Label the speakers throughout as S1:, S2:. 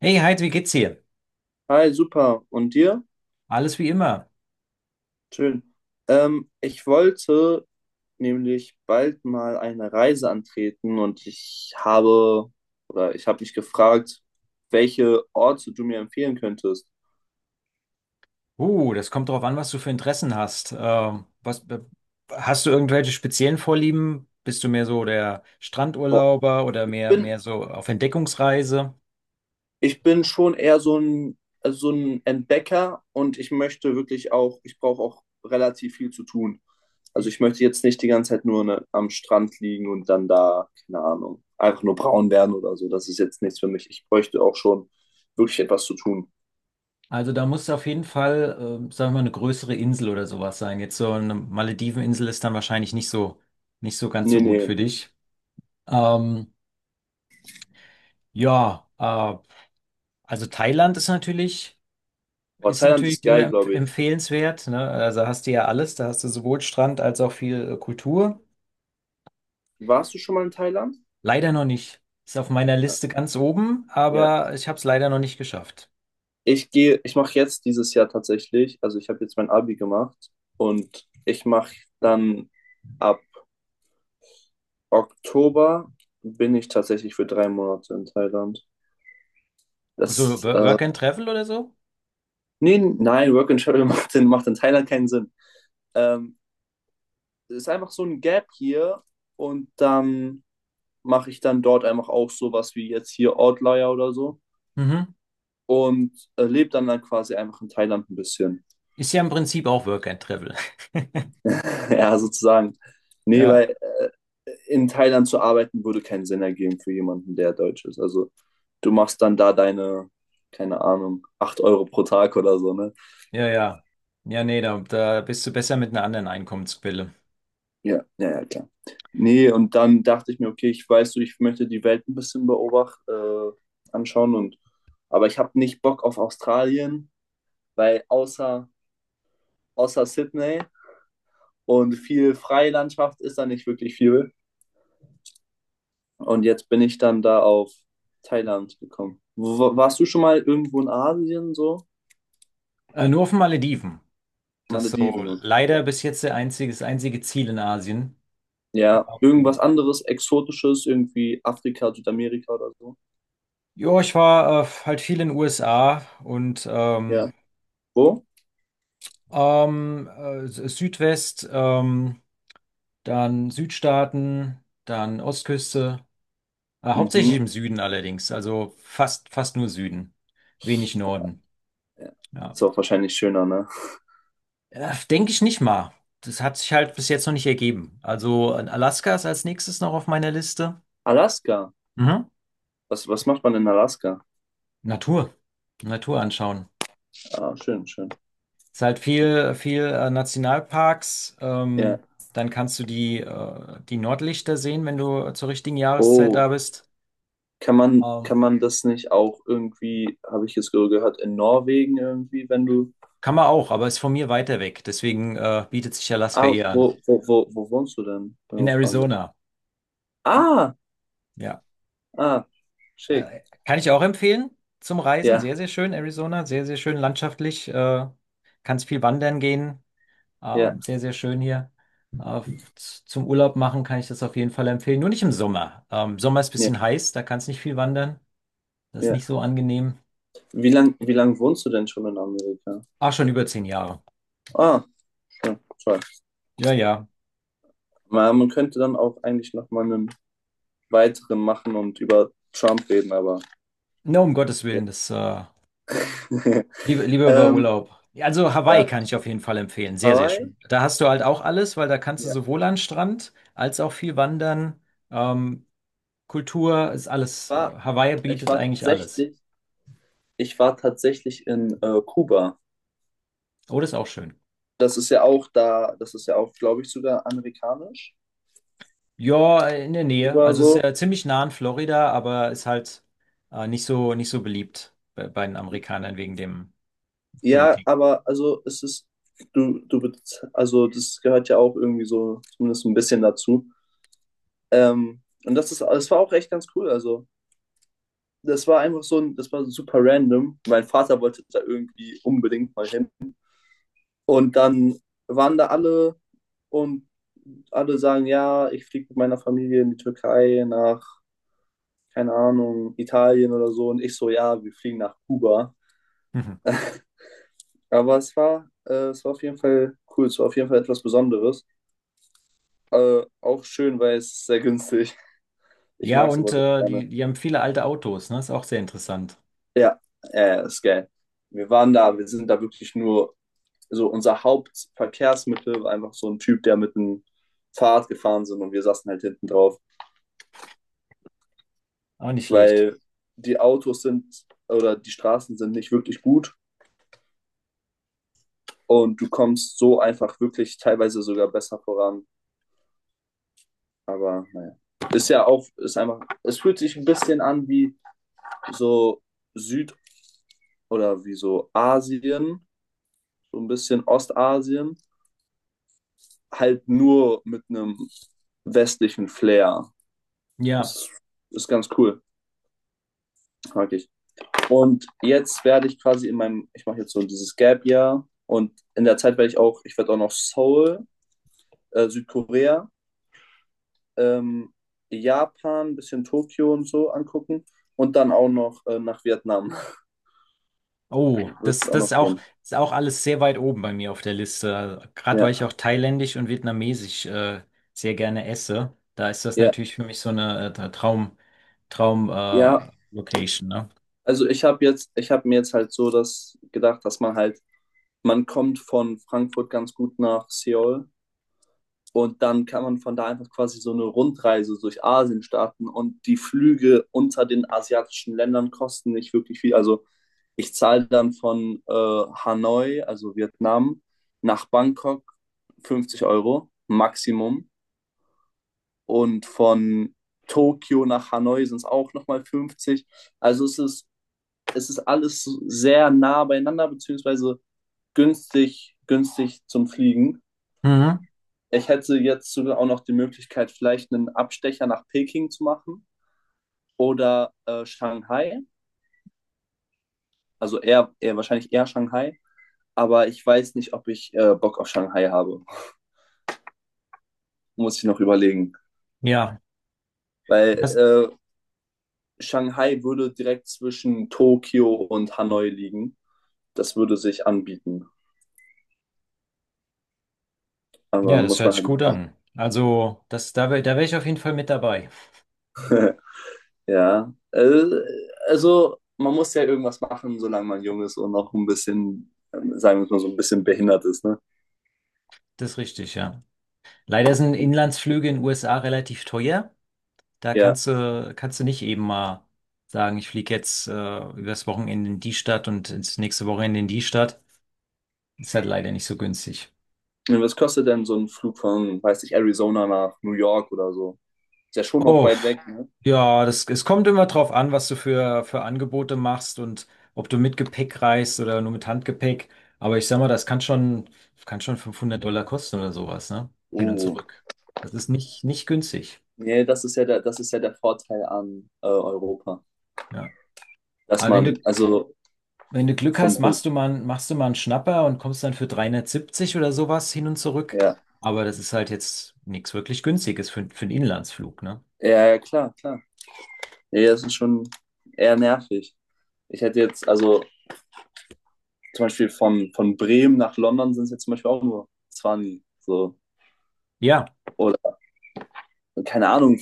S1: Hey Heid, wie geht's dir?
S2: Hi, super. Und dir?
S1: Alles wie immer.
S2: Schön. Ich wollte nämlich bald mal eine Reise antreten, und ich habe mich gefragt, welche Orte du mir empfehlen könntest.
S1: Das kommt drauf an, was du für Interessen hast. Was, hast du irgendwelche speziellen Vorlieben? Bist du mehr so der
S2: Boah.
S1: Strandurlauber oder mehr,
S2: Bin
S1: mehr so auf Entdeckungsreise?
S2: Ich bin schon eher so ein Entdecker, und ich brauche auch relativ viel zu tun. Also, ich möchte jetzt nicht die ganze Zeit nur, ne, am Strand liegen und dann da, keine Ahnung, einfach nur braun werden oder so. Das ist jetzt nichts für mich. Ich bräuchte auch schon wirklich etwas zu tun.
S1: Also da muss auf jeden Fall, sagen wir mal, eine größere Insel oder sowas sein. Jetzt so eine Malediveninsel ist dann wahrscheinlich nicht so ganz
S2: Ne,
S1: so gut für
S2: ne.
S1: dich. Ähm, ja, äh, also Thailand ist natürlich.
S2: Boah,
S1: Ist
S2: Thailand ist
S1: natürlich
S2: geil,
S1: immer
S2: glaube ich.
S1: empfehlenswert, ne? Also hast du ja alles, da hast du sowohl Strand als auch viel Kultur.
S2: Warst du schon mal in Thailand?
S1: Leider noch nicht. Ist auf meiner
S2: Ja.
S1: Liste ganz oben,
S2: Ja.
S1: aber ich habe es leider noch nicht geschafft.
S2: Ich mache jetzt dieses Jahr tatsächlich, also, ich habe jetzt mein Abi gemacht, und ich mache dann ab Oktober bin ich tatsächlich für 3 Monate in Thailand.
S1: So
S2: Das, äh,
S1: Work and Travel oder so?
S2: Nee, nein, Work and Travel macht in Thailand keinen Sinn. Ähm, Es ist einfach so ein Gap hier, und dann mache ich dann dort einfach auch sowas wie jetzt hier Outlier oder so,
S1: Mhm.
S2: und lebe dann quasi einfach in Thailand ein bisschen.
S1: Ist ja im Prinzip auch Work and Travel.
S2: Ja, sozusagen. Nee,
S1: Ja,
S2: weil in Thailand zu arbeiten würde keinen Sinn ergeben für jemanden, der Deutsch ist. Also du machst dann da deine, keine Ahnung, 8 Euro pro Tag oder so, ne?
S1: ja, ja. Ja, nee, da bist du besser mit einer anderen Einkommensquelle.
S2: Ja, ja, ja, klar. Nee, und dann dachte ich mir, okay, ich weiß du, ich möchte die Welt ein bisschen beobachten, anschauen, und aber ich habe nicht Bock auf Australien, weil außer Sydney und viel Freilandschaft ist da nicht wirklich viel. Und jetzt bin ich dann da auf Thailand gekommen. Warst du schon mal irgendwo in Asien so?
S1: Nur auf den Malediven. Das ist so
S2: Malediven, okay.
S1: leider bis jetzt das einzige Ziel in Asien.
S2: Ja, irgendwas
S1: Ähm,
S2: anderes, Exotisches, irgendwie Afrika, Südamerika oder so.
S1: ja, ich war halt viel in den USA und
S2: Ja. Wo?
S1: Ähm, äh, Südwest, dann Südstaaten, dann Ostküste. Hauptsächlich
S2: Mhm.
S1: im Süden allerdings, also fast nur Süden, wenig Norden. Ja.
S2: Ist auch wahrscheinlich schöner, ne?
S1: Denke ich nicht mal. Das hat sich halt bis jetzt noch nicht ergeben. Also Alaska ist als nächstes noch auf meiner Liste.
S2: Alaska.
S1: Mhm.
S2: Was macht man in Alaska?
S1: Natur, Natur anschauen.
S2: Ah, schön, schön.
S1: Ist halt viel Nationalparks.
S2: Ja.
S1: Dann kannst du die Nordlichter sehen, wenn du zur richtigen Jahreszeit
S2: Oh,
S1: da bist.
S2: kann man, kann
S1: Ähm,
S2: man das nicht auch irgendwie, habe ich jetzt gehört, in Norwegen irgendwie, wenn du.
S1: Kann man auch, aber ist von mir weiter weg. Deswegen bietet sich Alaska
S2: Ah,
S1: eher
S2: wo,
S1: an.
S2: wo, wo, wo wohnst du denn, wenn
S1: In
S2: man fragen darf?
S1: Arizona,
S2: Ah,
S1: ja.
S2: ah, schick.
S1: Kann ich auch empfehlen zum Reisen.
S2: Ja,
S1: Sehr schön, Arizona. Sehr schön landschaftlich. Kannst viel wandern gehen.
S2: ja,
S1: Sehr schön hier. Äh, Zum Urlaub machen kann ich das auf jeden Fall empfehlen. Nur nicht im Sommer. Sommer ist ein
S2: ja,
S1: bisschen heiß, da kannst nicht viel wandern. Das ist nicht
S2: ja.
S1: so angenehm.
S2: Wie lang wohnst du denn schon in Amerika?
S1: Ach, schon über zehn Jahre.
S2: Ah, ja, toll.
S1: Ja.
S2: Man könnte dann auch eigentlich noch mal einen weiteren machen und über Trump reden, aber
S1: Na, um Gottes
S2: ja.
S1: Willen, Lieber über
S2: Ähm,
S1: Urlaub. Also Hawaii
S2: ja.
S1: kann ich auf jeden Fall empfehlen. Sehr
S2: Hawaii?
S1: schön. Da hast du halt auch alles, weil da kannst du
S2: Ja.
S1: sowohl an Strand als auch viel wandern. Ähm, Kultur ist alles.
S2: War,
S1: Hawaii
S2: ich
S1: bietet
S2: war
S1: eigentlich alles.
S2: tatsächlich, ich war tatsächlich in Kuba.
S1: Oh, das ist auch schön.
S2: Das ist ja auch da, das ist ja auch, glaube ich, sogar amerikanisch.
S1: Ja, in der Nähe.
S2: Kuba
S1: Also es ist
S2: so.
S1: ja ziemlich nah an Florida, aber ist halt nicht so beliebt bei den Amerikanern wegen dem
S2: Ja,
S1: Politik.
S2: aber also es ist, du, bez- also das gehört ja auch irgendwie so zumindest ein bisschen dazu. Und das war auch echt ganz cool. Also das war einfach so, das war super random. Mein Vater wollte da irgendwie unbedingt mal hin. Und dann waren da alle, und alle sagen, ja, ich fliege mit meiner Familie in die Türkei nach, keine Ahnung, Italien oder so. Und ich so, ja, wir fliegen nach Kuba.
S1: Mhm.
S2: Aber es war auf jeden Fall cool. Es war auf jeden Fall etwas Besonderes. Auch schön, weil es ist sehr günstig. Ich
S1: Ja,
S2: mag
S1: und
S2: sowas echt gerne.
S1: die haben viele alte Autos, ne? Ist auch sehr interessant.
S2: Ja, ist geil. Wir sind da wirklich nur, so unser Hauptverkehrsmittel war einfach so ein Typ, der mit einem Fahrrad gefahren sind, und wir saßen halt hinten drauf,
S1: Auch nicht schlecht.
S2: weil die Autos sind die Straßen sind nicht wirklich gut, und du kommst so einfach wirklich teilweise sogar besser voran. Aber naja, ist ja auch, ist einfach, es fühlt sich ein bisschen an wie so Süd- oder wie so Asien, so ein bisschen Ostasien, halt nur mit einem westlichen Flair.
S1: Ja.
S2: Das ist ganz cool, mag ich. Und jetzt werde ich quasi in meinem, ich mache jetzt so dieses Gap-Jahr, und in der Zeit ich werde auch noch Seoul, Südkorea, ähm, Japan, ein bisschen Tokio und so angucken, und dann auch noch nach Vietnam. Wird es auch
S1: Das
S2: noch gehen.
S1: ist auch alles sehr weit oben bei mir auf der Liste. Gerade weil
S2: Ja,
S1: ich auch thailändisch und vietnamesisch sehr gerne esse, da ist das
S2: ja,
S1: natürlich für mich so eine Traum
S2: ja.
S1: Location, ne?
S2: Also ich habe mir jetzt halt so das gedacht, dass man halt, man kommt von Frankfurt ganz gut nach Seoul, und dann kann man von da einfach quasi so eine Rundreise durch Asien starten, und die Flüge unter den asiatischen Ländern kosten nicht wirklich viel. Also ich zahle dann von Hanoi, also Vietnam, nach Bangkok 50 Euro Maximum, und von Tokio nach Hanoi sind es auch nochmal 50. Also es ist alles sehr nah beieinander, beziehungsweise günstig, günstig zum Fliegen.
S1: Mhm.
S2: Ich hätte jetzt sogar auch noch die Möglichkeit, vielleicht einen Abstecher nach Peking zu machen oder Shanghai. Also eher wahrscheinlich eher Shanghai. Aber ich weiß nicht, ob ich Bock auf Shanghai habe. Muss ich noch überlegen.
S1: Ja,
S2: Weil
S1: das,
S2: Shanghai würde direkt zwischen Tokio und Hanoi liegen. Das würde sich anbieten. Aber
S1: ja, das
S2: muss
S1: hört
S2: man
S1: sich
S2: halt
S1: gut
S2: mitmachen.
S1: an. Da wär ich auf jeden Fall mit dabei.
S2: Ja. Also man muss ja irgendwas machen, solange man jung ist und noch ein bisschen, sagen wir mal, so ein bisschen behindert ist. Ne?
S1: Das ist richtig, ja. Leider sind Inlandsflüge in den USA relativ teuer. Da
S2: Ja,
S1: kannst du nicht eben mal sagen, ich fliege jetzt übers Wochenende in die Stadt und ins nächste Wochenende in die Stadt. Ist halt leider nicht so günstig.
S2: ja. Was kostet denn so ein Flug von, weiß ich, Arizona nach New York oder so? Ist ja schon noch
S1: Oh,
S2: weit weg, ne?
S1: ja, es kommt immer drauf an, was du für Angebote machst und ob du mit Gepäck reist oder nur mit Handgepäck. Aber ich sag mal, kann schon 500$ kosten oder sowas, ne? Hin und
S2: Oh.
S1: zurück. Das ist nicht günstig.
S2: Nee, das ist ja der Vorteil an Europa.
S1: Ja.
S2: Dass
S1: Aber wenn
S2: man,
S1: du,
S2: also
S1: Wenn du Glück hast,
S2: von,
S1: machst du mal einen Schnapper und kommst dann für 370 oder sowas hin und zurück.
S2: ja.
S1: Aber das ist halt jetzt nichts wirklich Günstiges für einen Inlandsflug, ne?
S2: Ja, ja, klar, klar. Nee, das ist schon eher nervig. Ich hätte jetzt, also zum Beispiel von Bremen nach London sind es jetzt zum Beispiel auch nur 20, so.
S1: Ja,
S2: Oder keine Ahnung,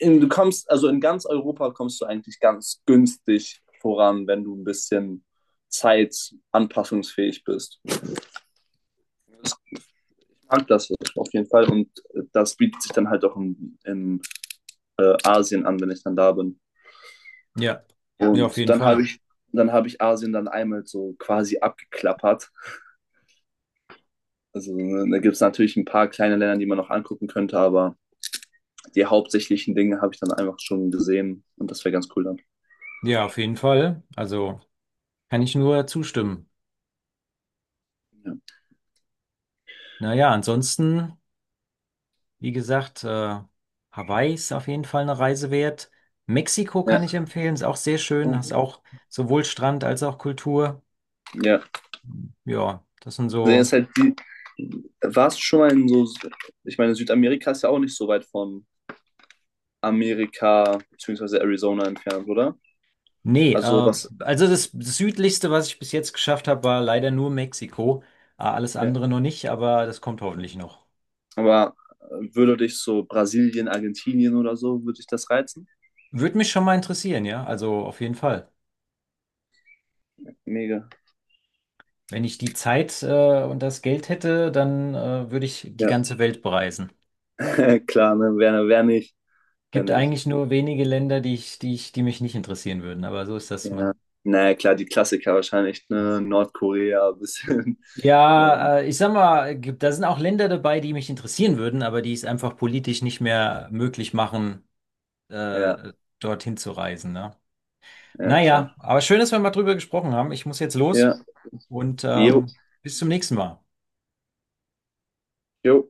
S2: also in ganz Europa kommst du eigentlich ganz günstig voran, wenn du ein bisschen zeitanpassungsfähig bist. Ich mag das auf jeden Fall, und das bietet sich dann halt auch in Asien an, wenn ich dann da bin.
S1: ja, ja, auf
S2: Und
S1: jeden
S2: dann
S1: Fall.
S2: habe ich Asien dann einmal so quasi abgeklappert. Also ne, da gibt es natürlich ein paar kleine Länder, die man noch angucken könnte, aber die hauptsächlichen Dinge habe ich dann einfach schon gesehen, und das wäre ganz cool dann.
S1: Ja, auf jeden Fall. Also kann ich nur zustimmen.
S2: Ja.
S1: Naja, ansonsten, wie gesagt, Hawaii ist auf jeden Fall eine Reise wert. Mexiko kann ich
S2: Ja.
S1: empfehlen, ist auch sehr schön, hast auch sowohl Strand als auch Kultur.
S2: Ja.
S1: Ja, das sind
S2: Der
S1: so.
S2: ist halt die. Warst du schon mal in so, ich meine, Südamerika ist ja auch nicht so weit von Amerika bzw. Arizona entfernt, oder?
S1: Nee,
S2: Also was,
S1: also das südlichste, was ich bis jetzt geschafft habe, war leider nur Mexiko. Alles
S2: ja.
S1: andere noch nicht, aber das kommt hoffentlich noch.
S2: Aber würde dich so Brasilien, Argentinien oder so, würde dich das reizen?
S1: Würde mich schon mal interessieren, ja. Also auf jeden Fall.
S2: Mega.
S1: Wenn ich die Zeit, und das Geld hätte, dann, würde ich die
S2: Ja,
S1: ganze Welt bereisen.
S2: klar, ne? Wer nicht? Wer
S1: Gibt
S2: nicht?
S1: eigentlich nur wenige Länder, die mich nicht interessieren würden, aber so ist das,
S2: Ja.
S1: man.
S2: Naja, klar, die Klassiker wahrscheinlich, ne? Nordkorea ein bisschen. Und
S1: Ja, ich sag mal, gibt, da sind auch Länder dabei, die mich interessieren würden, aber die es einfach politisch nicht mehr möglich machen,
S2: ja,
S1: äh, dorthin zu reisen, ne?
S2: ja, klar.
S1: Naja, aber schön, dass wir mal drüber gesprochen haben. Ich muss jetzt los
S2: Ja.
S1: und
S2: Jo.
S1: bis zum nächsten Mal.
S2: Jo.